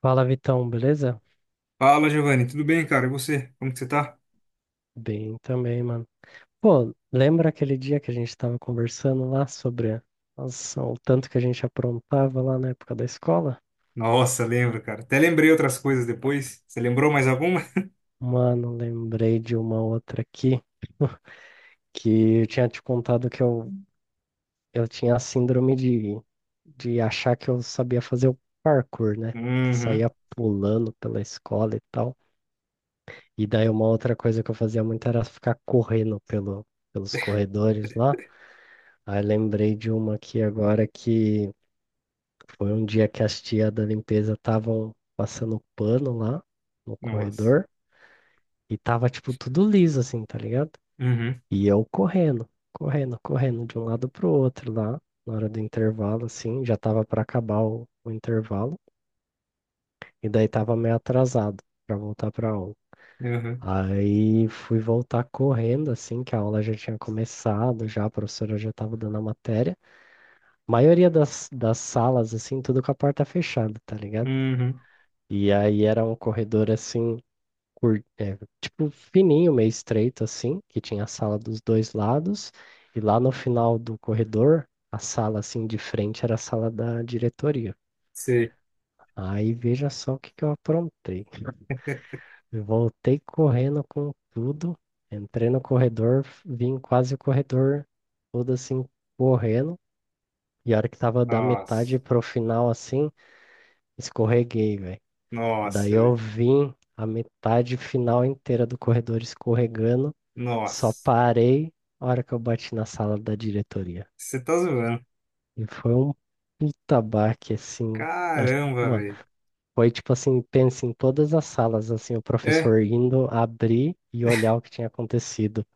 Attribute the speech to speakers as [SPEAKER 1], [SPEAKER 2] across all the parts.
[SPEAKER 1] Fala, Vitão, beleza?
[SPEAKER 2] Fala, Giovanni, tudo bem, cara? E você? Como que você tá?
[SPEAKER 1] Bem também, mano. Pô, lembra aquele dia que a gente tava conversando lá nossa, o tanto que a gente aprontava lá na época da escola?
[SPEAKER 2] Nossa, lembro, cara. Até lembrei outras coisas depois. Você lembrou mais alguma?
[SPEAKER 1] Mano, lembrei de uma outra aqui que eu tinha te contado eu tinha a síndrome de achar que eu sabia fazer o parkour, né? Que
[SPEAKER 2] Uhum.
[SPEAKER 1] saía pulando pela escola e tal. E daí uma outra coisa que eu fazia muito era ficar correndo pelos corredores lá. Aí lembrei de uma aqui agora que foi um dia que as tia da limpeza estavam passando pano lá no
[SPEAKER 2] Nossa.
[SPEAKER 1] corredor e tava tipo tudo liso assim, tá ligado?
[SPEAKER 2] Uhum.
[SPEAKER 1] E eu correndo, correndo, correndo de um lado pro outro lá, na hora do intervalo assim, já tava pra acabar o intervalo e daí tava meio atrasado pra voltar pra aula.
[SPEAKER 2] Uhum.
[SPEAKER 1] Aí fui voltar correndo assim, que a aula já tinha começado, já a professora já tava dando a matéria. Maioria das salas, assim, tudo com a porta fechada, tá ligado?
[SPEAKER 2] Uhum.
[SPEAKER 1] E aí era um corredor assim, tipo, fininho, meio estreito, assim, que tinha a sala dos dois lados, e lá no final do corredor, a sala assim de frente era a sala da diretoria.
[SPEAKER 2] Sei.
[SPEAKER 1] Aí veja só o que que eu aprontei. Eu voltei correndo com tudo, entrei no corredor, vim quase o corredor todo assim, correndo. E a hora que tava da metade
[SPEAKER 2] Nossa.
[SPEAKER 1] pro final assim, escorreguei, velho. Daí
[SPEAKER 2] Nossa,
[SPEAKER 1] eu
[SPEAKER 2] velho.
[SPEAKER 1] vim a metade final inteira do corredor escorregando, só
[SPEAKER 2] Nossa.
[SPEAKER 1] parei a hora que eu bati na sala da diretoria.
[SPEAKER 2] Você tá zoando.
[SPEAKER 1] E foi um puta baque, assim. acho-
[SPEAKER 2] Caramba,
[SPEAKER 1] Mano,
[SPEAKER 2] velho.
[SPEAKER 1] foi tipo assim, pensa em todas as salas, assim, o
[SPEAKER 2] É.
[SPEAKER 1] professor indo abrir e olhar o que tinha acontecido.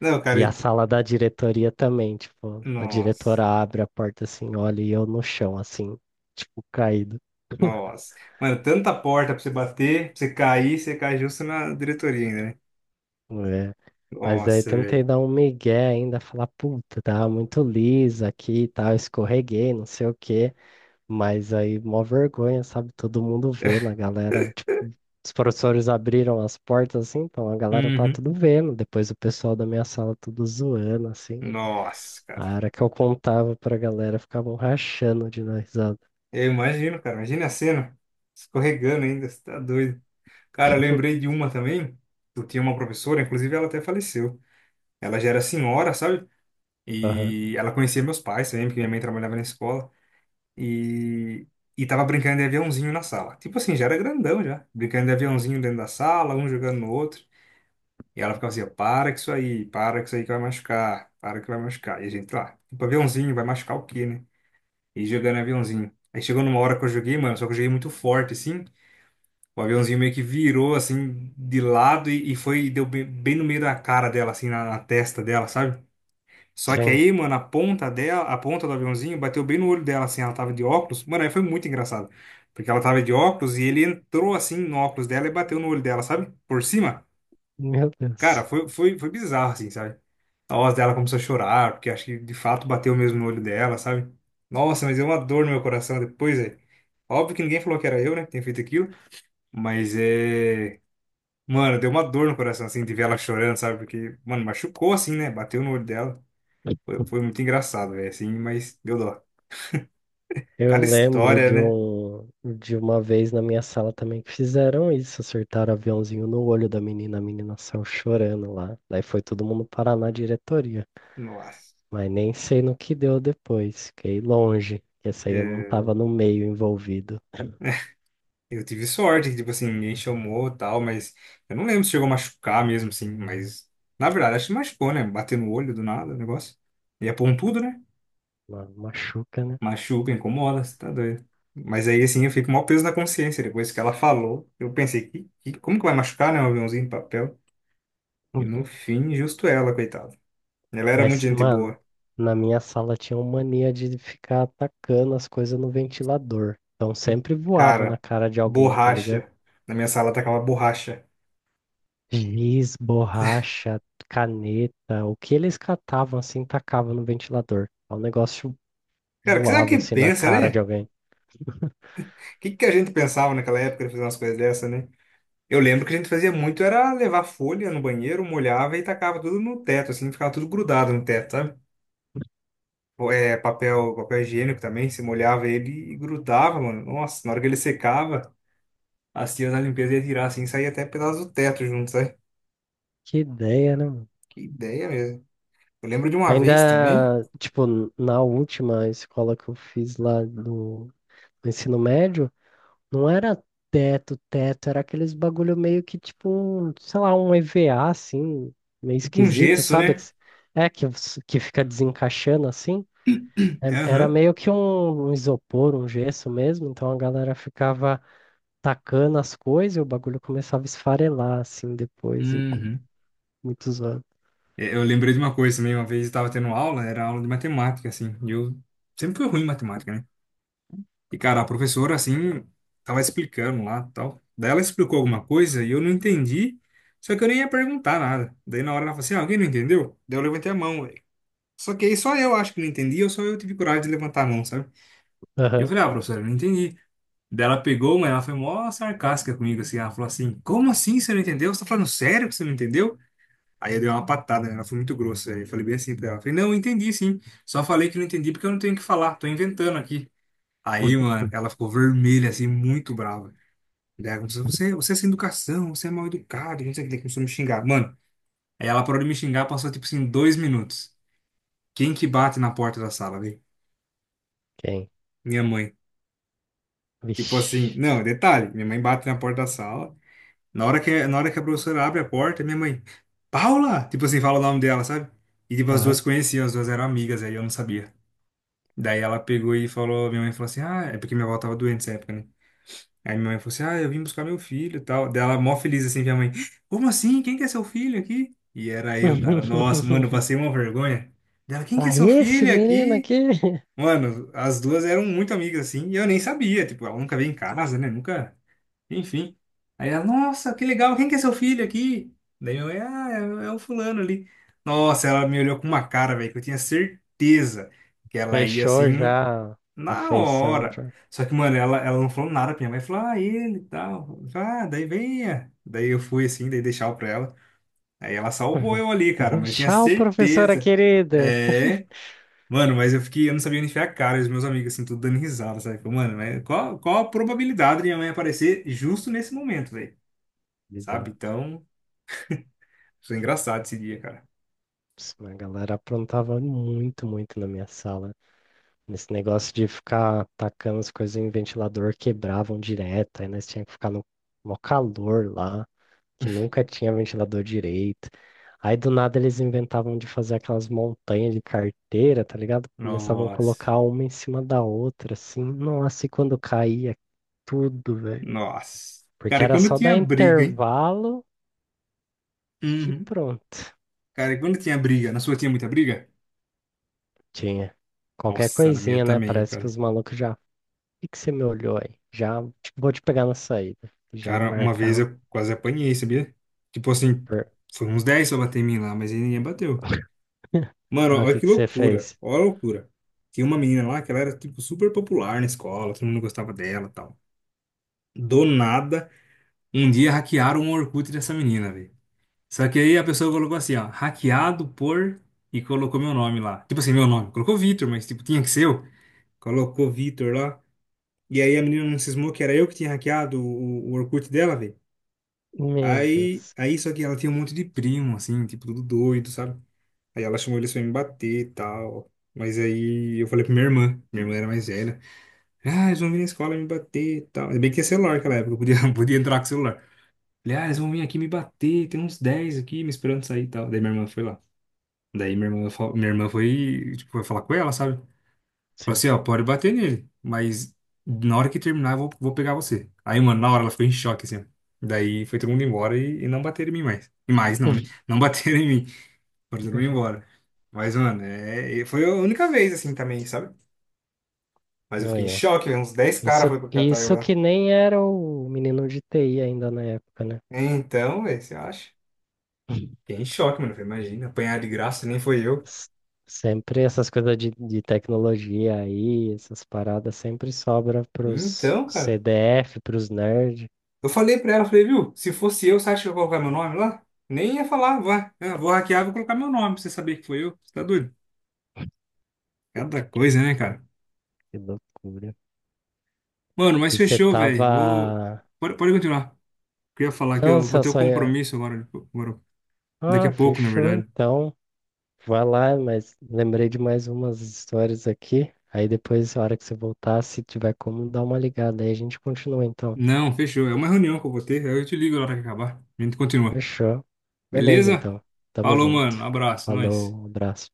[SPEAKER 2] Não, cara.
[SPEAKER 1] E a sala da diretoria também, tipo, a
[SPEAKER 2] Nossa.
[SPEAKER 1] diretora abre a porta assim, olha e eu no chão, assim, tipo, caído.
[SPEAKER 2] Nossa. Mano, tanta porta pra você bater, pra você cair, você cai justo na diretoria ainda, né?
[SPEAKER 1] É. Mas aí
[SPEAKER 2] Nossa, velho.
[SPEAKER 1] tentei dar um migué ainda, falar, puta, tava muito lisa aqui e tal, escorreguei, não sei o quê. Mas aí, mó vergonha, sabe? Todo mundo vendo, a galera. Tipo, os professores abriram as portas assim, então a galera tá
[SPEAKER 2] Uhum.
[SPEAKER 1] tudo vendo. Depois o pessoal da minha sala tudo zoando, assim.
[SPEAKER 2] Nossa, cara.
[SPEAKER 1] A hora que eu contava pra galera, ficavam rachando de dar risada.
[SPEAKER 2] Eu imagino, cara. Imagina a cena. Escorregando ainda, você tá doido. Cara, eu lembrei de uma também. Eu tinha uma professora, inclusive ela até faleceu. Ela já era senhora, sabe?
[SPEAKER 1] Aham.
[SPEAKER 2] E ela conhecia meus pais também, porque minha mãe trabalhava na escola. E, e tava brincando de aviãozinho na sala. Tipo assim, já era grandão já. Brincando de aviãozinho dentro da sala, um jogando no outro. E ela ficava assim: para com isso aí, para com isso aí que vai machucar, para que vai machucar. E a gente lá, tipo, aviãozinho, vai machucar o quê, né? E jogando aviãozinho. Aí chegou numa hora que eu joguei, mano, só que eu joguei muito forte, assim. O aviãozinho meio que virou assim de lado e foi e deu bem, bem no meio da cara dela, assim, na testa dela, sabe? Só que
[SPEAKER 1] Sim.
[SPEAKER 2] aí, mano, a ponta dela, a ponta do aviãozinho bateu bem no olho dela, assim, ela tava de óculos. Mano, aí foi muito engraçado. Porque ela tava de óculos e ele entrou assim no óculos dela e bateu no olho dela, sabe? Por cima.
[SPEAKER 1] Meu
[SPEAKER 2] Cara,
[SPEAKER 1] Deus.
[SPEAKER 2] foi bizarro, assim, sabe? A voz dela começou a chorar, porque acho que de fato bateu mesmo no olho dela, sabe? Nossa, mas deu uma dor no meu coração depois, velho. Óbvio que ninguém falou que era eu, né, que tinha feito aquilo. Mas é. Mano, deu uma dor no coração, assim, de ver ela chorando, sabe? Porque, mano, machucou, assim, né? Bateu no olho dela. Foi muito engraçado, velho, assim, mas deu dó. Cada
[SPEAKER 1] Eu lembro
[SPEAKER 2] história,
[SPEAKER 1] de
[SPEAKER 2] né?
[SPEAKER 1] um, de uma vez na minha sala também que fizeram isso, acertaram aviãozinho no olho da menina, a menina saiu chorando lá. Daí foi todo mundo parar na diretoria.
[SPEAKER 2] Nossa.
[SPEAKER 1] Mas nem sei no que deu depois, fiquei longe, que essa aí eu não
[SPEAKER 2] É,
[SPEAKER 1] tava no meio envolvido.
[SPEAKER 2] eu tive sorte, que, tipo assim, ninguém chamou e tal, mas eu não lembro se chegou a machucar mesmo, assim, mas na verdade, acho que machucou, né? Bater no olho do nada, o negócio. E é pontudo, né?
[SPEAKER 1] Uma machuca, né?
[SPEAKER 2] Machuca, incomoda, você tá doido. Mas aí, assim, eu fico com o maior peso na consciência. Depois que ela falou, eu pensei, como que vai machucar, né? Um aviãozinho de papel. E no fim, justo ela, coitada. Ela era muito
[SPEAKER 1] Mas,
[SPEAKER 2] gente
[SPEAKER 1] mano,
[SPEAKER 2] boa.
[SPEAKER 1] na minha sala tinha uma mania de ficar atacando as coisas no ventilador. Então sempre voava na
[SPEAKER 2] Cara,
[SPEAKER 1] cara de alguém, tá ligado?
[SPEAKER 2] borracha. Na minha sala tacava borracha.
[SPEAKER 1] Giz, borracha, caneta, o que eles catavam assim, tacavam no ventilador. O negócio
[SPEAKER 2] Cara, o que será
[SPEAKER 1] voava
[SPEAKER 2] que
[SPEAKER 1] assim na
[SPEAKER 2] pensa,
[SPEAKER 1] cara de
[SPEAKER 2] né?
[SPEAKER 1] alguém.
[SPEAKER 2] O que, que a gente pensava naquela época de fazer umas coisas dessa, né? Eu lembro que a gente fazia muito era levar folha no banheiro, molhava e tacava tudo no teto, assim, ficava tudo grudado no teto, sabe? Ou, é, papel, papel higiênico também, se molhava ele e grudava, mano. Nossa, na hora que ele secava, assim, as tias da limpeza ia tirar assim, saía até pedaço do teto junto, sabe?
[SPEAKER 1] Que ideia, né, mano?
[SPEAKER 2] Que ideia mesmo. Eu lembro de uma vez também,
[SPEAKER 1] Ainda, tipo, na última escola que eu fiz lá no ensino médio, não era teto, teto, era aqueles bagulho meio que tipo, um, sei lá, um EVA assim, meio
[SPEAKER 2] é tipo um
[SPEAKER 1] esquisito,
[SPEAKER 2] gesso,
[SPEAKER 1] sabe?
[SPEAKER 2] né?
[SPEAKER 1] É, que fica desencaixando assim. Era
[SPEAKER 2] Aham.
[SPEAKER 1] meio que um isopor, um gesso mesmo, então a galera ficava tacando as coisas e o bagulho começava a esfarelar assim depois e
[SPEAKER 2] Uhum.
[SPEAKER 1] muitos anos.
[SPEAKER 2] É, eu lembrei de uma coisa também, uma vez eu estava tendo aula, era aula de matemática, assim, e eu sempre fui ruim em matemática, né? E, cara, a professora, assim, tava explicando lá tal. Daí ela explicou alguma coisa e eu não entendi, só que eu nem ia perguntar nada. Daí na hora ela falou assim, "Ah, alguém não entendeu?" Daí eu levantei a mão, velho. Só que aí só eu acho que não entendi, ou só eu tive coragem de levantar a mão, sabe? E eu
[SPEAKER 1] Aham.
[SPEAKER 2] falei, ah, professora, eu não entendi. Daí ela pegou, mas ela foi mó sarcástica comigo, assim, ela falou assim, como assim você não entendeu? Você tá falando sério que você não entendeu? Aí eu dei uma patada, né? Ela foi muito grossa. Aí eu falei bem assim pra ela. Falei, não, eu entendi sim. Só falei que não entendi porque eu não tenho o que falar. Tô inventando aqui. Aí, mano, ela ficou vermelha, assim, muito brava. Daí ela começou, você é sem educação, você é mal educado, não sei o que. Daí começou a me xingar. Mano, aí ela parou de me xingar, passou, tipo assim, 2 minutos. Quem que bate na porta da sala, velho?
[SPEAKER 1] Quem?
[SPEAKER 2] Minha mãe. Tipo assim,
[SPEAKER 1] Vixe.
[SPEAKER 2] não, detalhe, minha mãe bate na porta da sala. Na hora que a professora abre a porta, minha mãe, Paula! Tipo assim, fala o nome dela, sabe? E tipo, as
[SPEAKER 1] Aham.
[SPEAKER 2] duas conheciam, as duas eram amigas, aí eu não sabia. Daí ela pegou e falou, minha mãe falou assim, ah, é porque minha avó tava doente nessa época, né? Aí minha mãe falou assim, ah, eu vim buscar meu filho e tal. Daí ela mó feliz assim, minha mãe, como assim? Quem que é seu filho aqui? E era eu, cara. Nossa, mano, eu passei uma vergonha. Dela, quem que é
[SPEAKER 1] Ah,
[SPEAKER 2] seu
[SPEAKER 1] esse
[SPEAKER 2] filho
[SPEAKER 1] menino
[SPEAKER 2] aqui?
[SPEAKER 1] aqui
[SPEAKER 2] Mano, as duas eram muito amigas assim, e eu nem sabia, tipo, ela nunca veio em casa, né? Nunca, enfim. Aí ela, nossa, que legal, quem que é seu filho aqui? Daí minha mãe, ah, é o fulano ali. Nossa, ela me olhou com uma cara, velho, que eu tinha certeza que ela ia
[SPEAKER 1] fechou
[SPEAKER 2] assim.
[SPEAKER 1] já a
[SPEAKER 2] Na
[SPEAKER 1] feição
[SPEAKER 2] hora.
[SPEAKER 1] já.
[SPEAKER 2] Só que, mano, ela não falou nada pra minha mãe. Falou, ah, ele e tal. Eu falei, ah, daí venha. Daí eu fui assim, daí deixava pra ela. Aí ela salvou
[SPEAKER 1] Uhum.
[SPEAKER 2] eu ali, cara,
[SPEAKER 1] Uhum.
[SPEAKER 2] mas tinha
[SPEAKER 1] Tchau, professora
[SPEAKER 2] certeza.
[SPEAKER 1] querida.
[SPEAKER 2] É. Mano, mas eu fiquei, eu não sabia onde enfiar a cara, e os meus amigos, assim, tudo dando risada, sabe? Falei, mano, mas qual a probabilidade de minha mãe aparecer justo nesse momento, velho? Sabe?
[SPEAKER 1] Bizarro.
[SPEAKER 2] Então, foi engraçado esse dia, cara.
[SPEAKER 1] Isso, mas a galera aprontava muito, muito na minha sala. Esse negócio de ficar tacando as coisas em ventilador quebravam direto, aí nós tínhamos que ficar no maior calor lá, que nunca tinha ventilador direito. Aí do nada eles inventavam de fazer aquelas montanhas de carteira, tá ligado? Começavam a
[SPEAKER 2] Nossa.
[SPEAKER 1] colocar uma em cima da outra, assim. Nossa, e quando caía tudo, velho.
[SPEAKER 2] Nossa.
[SPEAKER 1] Porque
[SPEAKER 2] Cara, e
[SPEAKER 1] era
[SPEAKER 2] quando
[SPEAKER 1] só dar
[SPEAKER 2] tinha briga, hein?
[SPEAKER 1] intervalo que
[SPEAKER 2] Uhum.
[SPEAKER 1] pronto,
[SPEAKER 2] Cara, e quando tinha briga? Na sua tinha muita briga?
[SPEAKER 1] tinha. Qualquer
[SPEAKER 2] Nossa, na minha
[SPEAKER 1] coisinha, né?
[SPEAKER 2] também,
[SPEAKER 1] Parece que
[SPEAKER 2] cara.
[SPEAKER 1] os malucos já que você me olhou aí? Vou te pegar na saída. Já
[SPEAKER 2] Cara, uma vez
[SPEAKER 1] marcava.
[SPEAKER 2] eu quase apanhei, sabia? Tipo assim,
[SPEAKER 1] per-
[SPEAKER 2] foi uns 10 pra bater em mim lá, mas aí ninguém bateu. Mano,
[SPEAKER 1] Mas o
[SPEAKER 2] olha
[SPEAKER 1] que
[SPEAKER 2] que
[SPEAKER 1] que você
[SPEAKER 2] loucura,
[SPEAKER 1] fez?
[SPEAKER 2] olha a loucura. Tinha uma menina lá que ela era, tipo, super popular na escola, todo mundo gostava dela e tal. Do nada, um dia hackearam o Orkut dessa menina, velho. Só que aí a pessoa colocou assim, ó, hackeado por... E colocou meu nome lá. Tipo assim, meu nome. Colocou Vitor, mas, tipo, tinha que ser eu. Colocou Vitor lá. E aí a menina não cismou que era eu que tinha hackeado o Orkut dela, velho.
[SPEAKER 1] Meu
[SPEAKER 2] Aí,
[SPEAKER 1] Deus.
[SPEAKER 2] aí só que ela tinha um monte de primo, assim, tipo, tudo doido, sabe? Aí ela chamou eles pra me bater e tal. Mas aí eu falei pra minha irmã era mais velha. Ah, eles vão vir na escola me bater e tal. Ainda bem que tinha celular naquela época, eu podia, podia entrar com o celular. Falei, ah, eles vão vir aqui me bater, tem uns 10 aqui me esperando sair e tal. Daí minha irmã foi lá. Daí minha irmã, minha irmã foi, tipo, foi falar com ela, sabe? Falei
[SPEAKER 1] Sim.
[SPEAKER 2] assim, ó, pode bater nele, mas na hora que terminar eu vou, vou pegar você. Aí, mano, na hora ela ficou em choque, assim, ó. Daí foi todo mundo embora e não bateram em mim mais. E mais, não, né? Não bateram em mim. Foram todo mundo embora. Mas, mano, é, e foi a única vez, assim, também, sabe? Mas eu fiquei em
[SPEAKER 1] Olha.
[SPEAKER 2] choque, velho, uns 10 caras
[SPEAKER 1] Isso,
[SPEAKER 2] foi pra catar eu
[SPEAKER 1] isso
[SPEAKER 2] lá.
[SPEAKER 1] que nem era o menino de TI ainda na época, né?
[SPEAKER 2] Então, velho, você acha? Fiquei em choque, mano. Falei, imagina, apanhar de graça, nem foi eu.
[SPEAKER 1] S- Sempre essas coisas de tecnologia aí, essas paradas sempre sobra pros
[SPEAKER 2] Então, cara.
[SPEAKER 1] CDF, pros nerds.
[SPEAKER 2] Eu falei pra ela, falei, viu, se fosse eu, você acha que eu ia colocar meu nome lá? Nem ia falar, vai, eu vou hackear, vou colocar meu nome pra você saber que foi eu. Você tá doido? Cada coisa, né, cara?
[SPEAKER 1] Que loucura.
[SPEAKER 2] Mano, mas
[SPEAKER 1] E você
[SPEAKER 2] fechou, velho. Vou.
[SPEAKER 1] tava.
[SPEAKER 2] Pode continuar. Queria falar que
[SPEAKER 1] Não,
[SPEAKER 2] eu vou
[SPEAKER 1] você
[SPEAKER 2] ter um
[SPEAKER 1] só ia.
[SPEAKER 2] compromisso agora, tipo, agora- daqui
[SPEAKER 1] Ah,
[SPEAKER 2] a pouco, na
[SPEAKER 1] fechou
[SPEAKER 2] verdade.
[SPEAKER 1] então. Vai lá, mas lembrei de mais umas histórias aqui. Aí depois, a hora que você voltar, se tiver como, dá uma ligada. Aí a gente continua, então.
[SPEAKER 2] Não, fechou. É uma reunião que eu vou ter. Aí eu te ligo na hora que acabar. A gente continua.
[SPEAKER 1] Fechou? Beleza,
[SPEAKER 2] Beleza?
[SPEAKER 1] então. Tamo
[SPEAKER 2] Falou,
[SPEAKER 1] junto.
[SPEAKER 2] mano. Abraço. Nós.
[SPEAKER 1] Falou, abraço.